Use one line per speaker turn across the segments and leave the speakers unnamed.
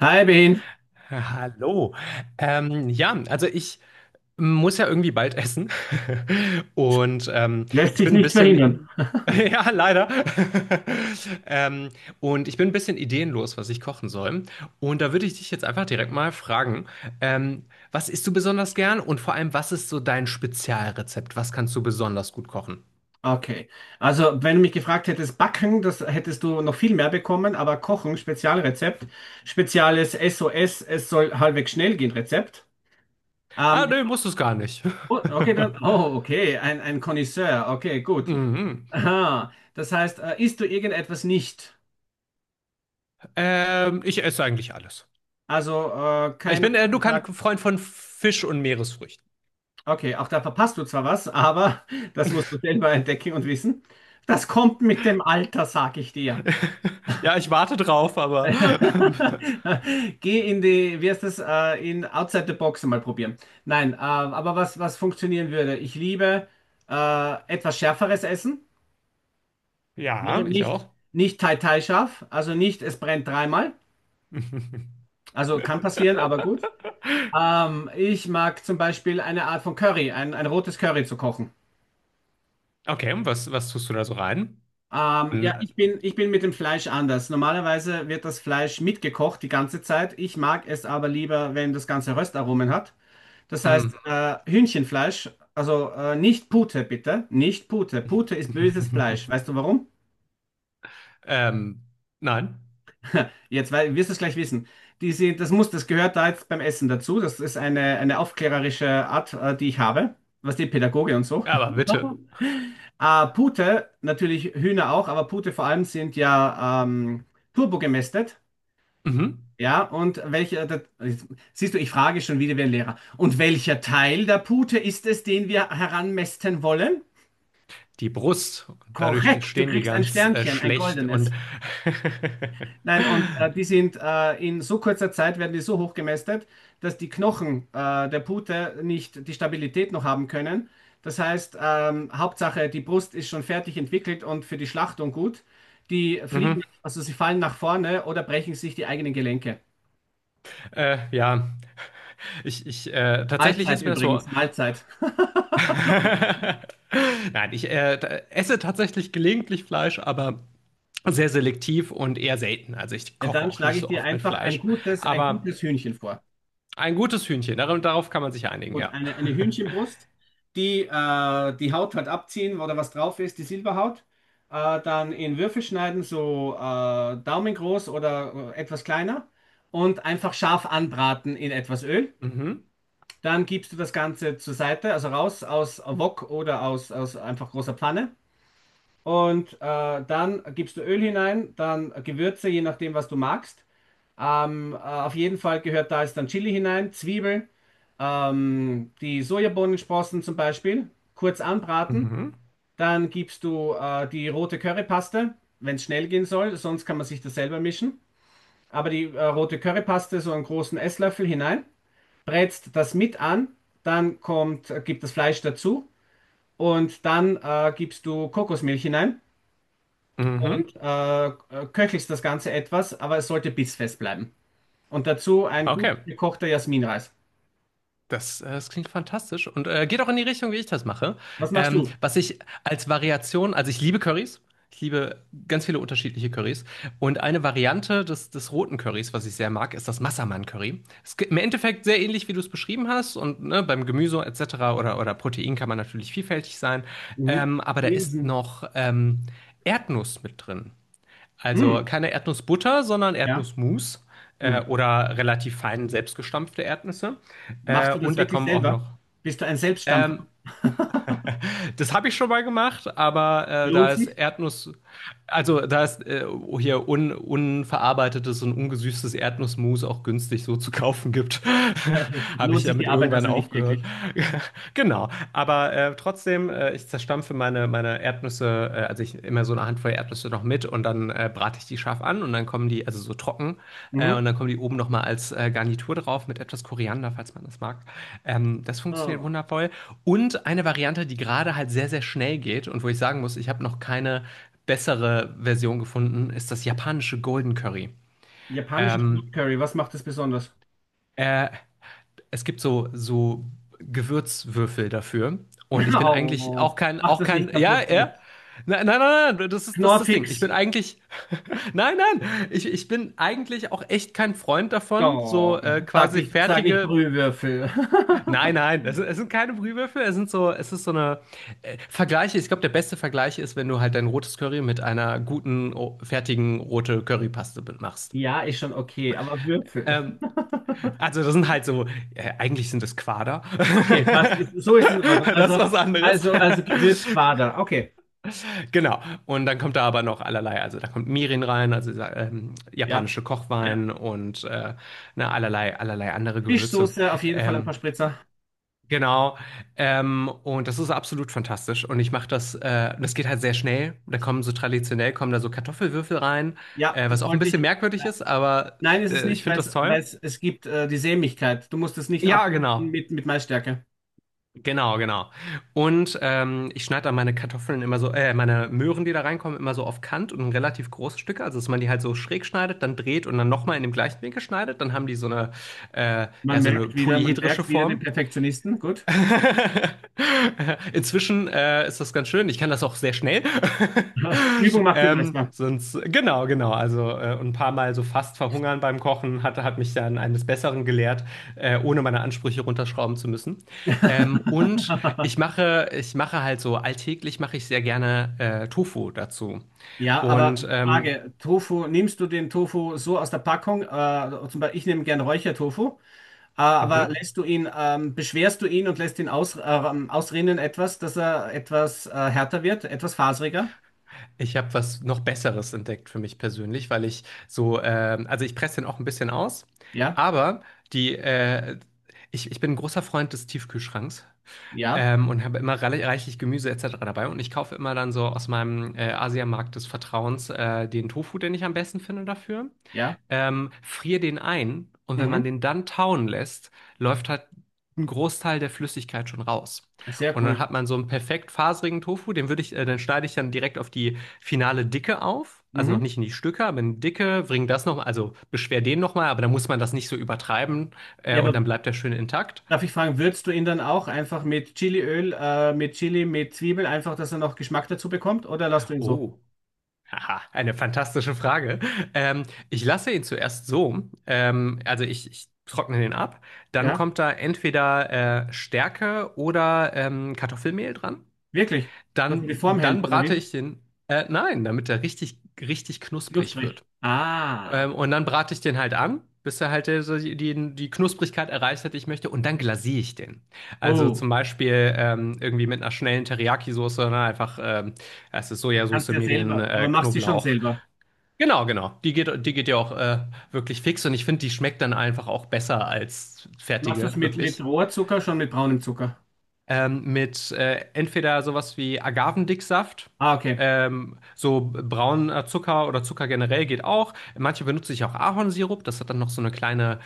Hi Ben.
Hallo. Ja, also ich muss ja irgendwie bald essen. Und ähm,
Lässt
ich
sich
bin ein
nicht
bisschen,
verhindern.
ja, leider. Ähm, und ich bin ein bisschen ideenlos, was ich kochen soll. Und da würde ich dich jetzt einfach direkt mal fragen, ähm, was isst du besonders gern und vor allem, was ist so dein Spezialrezept? Was kannst du besonders gut kochen?
Okay. Also wenn du mich gefragt hättest, Backen, das hättest du noch viel mehr bekommen, aber Kochen, Spezialrezept, spezielles SOS, es soll halbwegs schnell gehen, Rezept.
Ah,
Ähm,
nee, musst du es gar nicht.
oh, okay, dann, oh, okay, ein Connoisseur, okay, gut.
Mhm.
Aha, das heißt, isst du irgendetwas nicht?
Ich esse eigentlich alles.
Also
Ich
keiner
bin, du kannst
sagt,
Freund von Fisch und Meeresfrüchten.
okay, auch da verpasst du zwar was, aber das musst du selber entdecken und wissen. Das kommt mit dem Alter, sag ich dir.
Ja, ich warte drauf, aber.
Geh in die, wie heißt das, in Outside the Box mal probieren. Nein, aber was funktionieren würde? Ich liebe etwas schärferes Essen. Ja,
Ja, ich
nicht,
auch.
nicht Thai Thai scharf, also nicht, es brennt dreimal. Also kann passieren, aber gut. Ich mag zum Beispiel eine Art von Curry, ein rotes Curry zu kochen.
Okay, und was, was tust du da so rein?
Ja,
An-
ich bin mit dem Fleisch anders. Normalerweise wird das Fleisch mitgekocht die ganze Zeit. Ich mag es aber lieber, wenn das Ganze Röstaromen hat. Das heißt,
mm.
Hühnchenfleisch, also nicht Pute, bitte. Nicht Pute. Pute ist böses Fleisch. Weißt du warum?
Ähm, nein.
Jetzt wirst du es gleich wissen. Diese, das muss, das gehört da jetzt beim Essen dazu. Das ist eine aufklärerische Art, die ich habe. Was die Pädagoge und so.
Ja, aber bitte.
Pute, natürlich Hühner auch, aber Pute vor allem sind ja turbogemästet.
Mhm.
Ja, und welcher, da, siehst du, ich frage schon wieder wie ein Lehrer. Und welcher Teil der Pute ist es, den wir heranmästen wollen?
Die Brust. Dadurch
Korrekt, du
stehen die
kriegst ein
ganz
Sternchen, ein
schlecht und.
goldenes. Nein, und die sind in so kurzer Zeit werden die so hoch gemästet, dass die Knochen der Pute nicht die Stabilität noch haben können. Das heißt, Hauptsache, die Brust ist schon fertig entwickelt und für die Schlachtung gut. Die fliegen,
Mhm.
also sie fallen nach vorne oder brechen sich die eigenen Gelenke.
Ja, ich tatsächlich
Mahlzeit
ist mir das so.
übrigens, Mahlzeit.
Nein, ich esse tatsächlich gelegentlich Fleisch, aber sehr selektiv und eher selten. Also ich
Ja,
koche
dann
auch
schlage
nicht
ich
so
dir
oft mit
einfach ein
Fleisch.
gutes, ein
Aber
gutes Hühnchen vor.
ein gutes Hühnchen, darauf kann man sich einigen,
Und
ja.
eine Hühnchenbrust, die die Haut halt abziehen, wo da was drauf ist, die Silberhaut, dann in Würfel schneiden, so daumengroß oder etwas kleiner und einfach scharf anbraten in etwas Öl.
Mhm.
Dann gibst du das Ganze zur Seite, also raus aus Wok oder aus einfach großer Pfanne. Und dann gibst du Öl hinein, dann Gewürze, je nachdem, was du magst. Auf jeden Fall gehört da jetzt dann Chili hinein, Zwiebeln, die Sojabohnensprossen zum Beispiel, kurz anbraten.
Mhm.
Dann gibst du die rote Currypaste, wenn es schnell gehen soll, sonst kann man sich das selber mischen. Aber die rote Currypaste, so einen großen Esslöffel hinein, brätst das mit an, dann kommt, gibt das Fleisch dazu und dann gibst du Kokosmilch hinein
Mhm.
und äh, köchelst das Ganze etwas, aber es sollte bissfest bleiben. Und dazu ein gut
Okay.
gekochter Jasminreis.
Das, das klingt fantastisch und geht auch in die Richtung, wie ich das mache.
Was machst du?
Was ich als Variation, also ich liebe Currys, ich liebe ganz viele unterschiedliche Currys. Und eine Variante des roten Currys, was ich sehr mag, ist das Massaman-Curry. Ist im Endeffekt sehr ähnlich, wie du es beschrieben hast. Und ne, beim Gemüse etc. Oder Protein kann man natürlich vielfältig sein.
Mhm.
Aber da ist
Linsen.
noch Erdnuss mit drin. Also
Mhm.
keine Erdnussbutter, sondern
Ja.
Erdnussmus
Mhm.
oder relativ fein selbstgestampfte Erdnüsse.
Machst du das
Und da
wirklich
kommen auch
selber?
noch.
Bist du ein Selbststampfer?
Ähm, das habe ich schon mal gemacht, aber
Lohnt
da ist
sich?
Erdnuss, also da ist hier unverarbeitetes und ungesüßtes Erdnussmus auch günstig so zu kaufen gibt, habe ich
Lohnt sich die
damit
Arbeit
irgendwann
also nicht
aufgehört.
wirklich.
Genau, aber trotzdem, ich zerstampfe meine Erdnüsse, also ich immer so eine Handvoll Erdnüsse noch mit und dann brate ich die scharf an und dann kommen die, also so trocken,
Mhm.
und dann kommen die oben nochmal als Garnitur drauf mit etwas Koriander, falls man das mag. Das funktioniert
Oh.
wundervoll. Und eine Variante, die gerade halt sehr, sehr schnell geht und wo ich sagen muss, ich habe noch keine bessere Version gefunden, ist das japanische Golden Curry.
Japanisches Grün
Ähm,
Curry, was macht das besonders?
äh, es gibt so, so Gewürzwürfel dafür. Und ich bin eigentlich
Oh, mach
auch
das
kein,
nicht
ja,
kaputt
ja.
jetzt.
Nein, nein, nein, nein, das ist, das ist das Ding. Ich
Knorrfix.
bin eigentlich, nein, nein, ich bin eigentlich auch echt kein Freund davon,
Oh,
so quasi
sag nicht
fertige,
Brühwürfel.
nein, nein, es sind keine Brühwürfel, es sind so, es ist so eine Vergleiche. Ich glaube, der beste Vergleich ist, wenn du halt dein rotes Curry mit einer guten, fertigen rote Currypaste machst.
Ja, ist schon okay, aber Würfel.
Ähm, also das sind halt so, eigentlich sind das Quader.
Okay, passt. Ist, so ist es in Ordnung.
Das ist was anderes.
Also Gewürzquader. Okay.
Genau. Und dann kommt da aber noch allerlei. Also da kommt Mirin rein, also dieser,
Ja,
japanische
ja.
Kochwein und ne, allerlei, allerlei andere Gewürze.
Fischsoße, auf jeden Fall ein paar
Ähm,
Spritzer.
genau. Und das ist absolut fantastisch. Und ich mache das, das geht halt sehr schnell. Da kommen so traditionell, kommen da so Kartoffelwürfel rein,
Ja,
was
das
auch ein
wollte
bisschen
ich.
merkwürdig
Ja.
ist, aber
Nein, ist es
ich
nicht, weil
finde das
es,
toll.
es gibt die Sämigkeit. Du musst es nicht
Ja,
abbinden
genau.
mit Maisstärke.
Genau, genau. Und ich schneide dann meine Kartoffeln immer so, meine Möhren, die da reinkommen, immer so auf Kant und in relativ große Stücke. Also, dass man die halt so schräg schneidet, dann dreht und dann nochmal in dem gleichen Winkel schneidet. Dann haben die so eine, ja, so eine
Man
polyhedrische
merkt wieder den
Form.
Perfektionisten. Gut.
Inzwischen ist das ganz schön. Ich kann das auch sehr schnell.
Übung macht den Meister.
Sonst, genau, genau. Also ein paar Mal so fast verhungern beim Kochen hat mich dann eines Besseren gelehrt, ohne meine Ansprüche runterschrauben zu müssen. Und ich mache halt so alltäglich mache ich sehr gerne Tofu dazu.
Ja, aber
Und
Frage, Tofu, nimmst du den Tofu so aus der Packung? Zum Beispiel, ich nehme gern Räuchertofu, aber
mhm.
lässt du ihn, beschwerst du ihn und lässt ihn ausrinnen etwas, dass er etwas härter wird, etwas faseriger?
Ich habe was noch Besseres entdeckt für mich persönlich, weil ich so, also ich presse den auch ein bisschen aus,
Ja?
aber die, ich bin ein großer Freund des Tiefkühlschranks.
Ja,
Und habe immer reichlich Gemüse etc. dabei. Und ich kaufe immer dann so aus meinem Asiamarkt des Vertrauens den Tofu, den ich am besten finde dafür.
ja.
Friere den ein und wenn man
Mhm.
den dann tauen lässt, läuft halt ein Großteil der Flüssigkeit schon raus.
Sehr
Und dann
cool.
hat man so einen perfekt faserigen Tofu, den würde den schneide ich dann direkt auf die finale Dicke auf. Also noch
Mhm.
nicht in die Stücke, aber in die Dicke, bring das nochmal, also beschwer den nochmal, aber dann muss man das nicht so übertreiben,
Ja,
und dann
aber
bleibt der schön intakt.
darf ich fragen, würzt du ihn dann auch einfach mit Chiliöl, mit Chili, mit Zwiebel, einfach, dass er noch Geschmack dazu bekommt? Oder lässt du ihn so?
Oh. Aha, eine fantastische Frage. Ähm, ich lasse ihn zuerst so, ich trockne den ab. Dann
Ja,
kommt da entweder Stärke oder Kartoffelmehl dran.
wirklich? Dass er die Form
Dann
hält, oder
brate
wie?
ich den, nein, damit er richtig, richtig knusprig
Knusprig.
wird.
Ah.
Und dann brate ich den halt an, bis er halt so die Knusprigkeit erreicht hat, die ich möchte. Und dann glasiere ich den. Also
Oh,
zum Beispiel irgendwie mit einer schnellen Teriyaki-Soße, ne? Einfach, es ist
kannst
Sojasauce,
du ja
Mirin,
selber, aber machst du schon
Knoblauch.
selber.
Genau, genau. Die geht ja auch wirklich fix und ich finde, die schmeckt dann einfach auch besser als
Machst du
fertige,
es
wirklich.
mit Rohrzucker, schon mit braunem Zucker?
Mit entweder sowas wie Agavendicksaft,
Ah, okay.
so brauner Zucker oder Zucker generell geht auch. Manche benutze ich auch Ahornsirup, das hat dann noch so eine kleine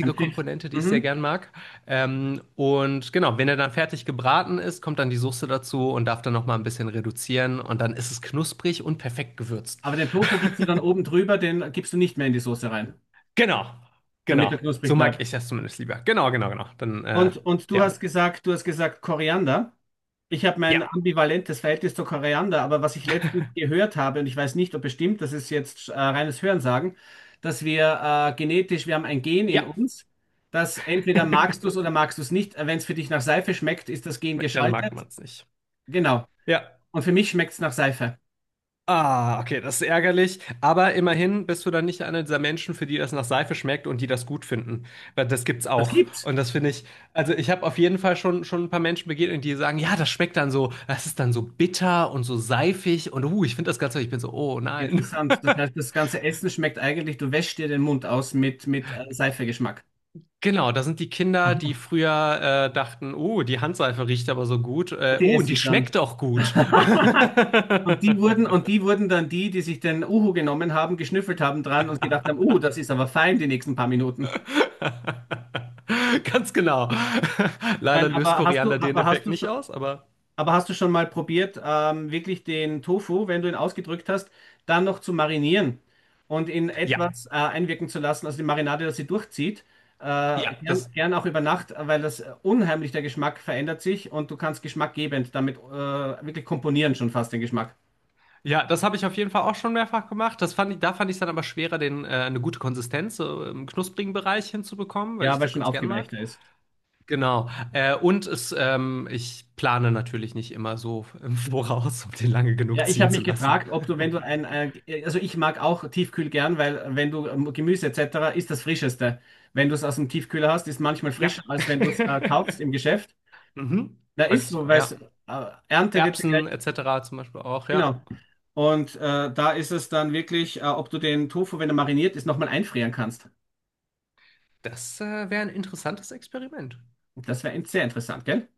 Ein Pfiff.
Komponente, die ich sehr
Mhm.
gern mag. Und genau, wenn er dann fertig gebraten ist, kommt dann die Soße dazu und darf dann noch mal ein bisschen reduzieren und dann ist es knusprig und perfekt gewürzt.
Aber den Tofu gibst du dann oben drüber, den gibst du nicht mehr in die Soße rein,
Genau,
damit
genau.
er
So
knusprig
mag
bleibt.
ich das zumindest lieber. Genau, genau, genau. Dann,
Und
ja.
du hast gesagt Koriander. Ich habe
Ja,
mein ambivalentes Verhältnis zu Koriander, aber was ich letztens gehört habe, und ich weiß nicht, ob es stimmt, das ist jetzt reines Hörensagen, dass wir genetisch, wir haben ein Gen in
ja.
uns, das entweder magst du es oder magst du es nicht. Wenn es für dich nach Seife schmeckt, ist das Gen
Dann mag
geschaltet.
man es nicht.
Genau.
Ja.
Und für mich schmeckt es nach Seife.
Ah, okay, das ist ärgerlich. Aber immerhin bist du dann nicht einer dieser Menschen, für die das nach Seife schmeckt und die das gut finden. Weil das gibt's
Das
auch.
gibt's.
Und das finde ich, also ich habe auf jeden Fall schon ein paar Menschen begegnet, die sagen, ja, das schmeckt dann so, das ist dann so bitter und so seifig und ich finde das ganz toll. Ich bin so, oh nein.
Interessant. Das heißt, das ganze Essen schmeckt eigentlich, du wäschst dir den Mund aus mit Seifegeschmack.
Genau, da sind die Kinder, die früher dachten, oh, die Handseife riecht aber so gut.
Und die
Oh, und
esse
die
ich dann.
schmeckt auch gut.
Und die wurden dann die, die sich den Uhu genommen haben, geschnüffelt haben dran und gedacht haben, das ist aber fein die nächsten paar Minuten.
Ganz genau. Leider
Nein,
löst Koriander den
aber hast
Effekt
du
nicht
schon,
aus, aber
aber hast du schon mal probiert, wirklich den Tofu, wenn du ihn ausgedrückt hast, dann noch zu marinieren und in
ja,
etwas einwirken zu lassen, also die Marinade, dass sie durchzieht, äh,
ja,
gern,
das,
gern auch über Nacht, weil das unheimlich der Geschmack verändert sich und du kannst geschmackgebend damit wirklich komponieren schon fast den Geschmack.
ja, das habe ich auf jeden Fall auch schon mehrfach gemacht. Das fand ich, da fand ich es dann aber schwerer, den, eine gute Konsistenz so im knusprigen Bereich hinzubekommen, weil
Ja,
ich
weil es
das
schon
ganz gern mag.
aufgeweichter ist.
Genau. Und es, ich plane natürlich nicht immer so im Voraus, um den lange genug
Ja, ich
ziehen
habe
zu
mich
lassen.
gefragt, ob du, wenn du also ich mag auch Tiefkühl gern, weil wenn du Gemüse etc. ist das Frischeste. Wenn du es aus dem Tiefkühler hast, ist manchmal
Ja.
frischer, als wenn du es kaufst im Geschäft.
Mhm.
Da ist
Häufig
so,
sogar,
weil
ja.
Ernte wird ja gleich,
Erbsen etc. zum Beispiel auch, ja.
genau. Und da ist es dann wirklich, ob du den Tofu, wenn er mariniert ist, nochmal einfrieren kannst.
Das wäre ein interessantes Experiment.
Das wäre sehr interessant, gell?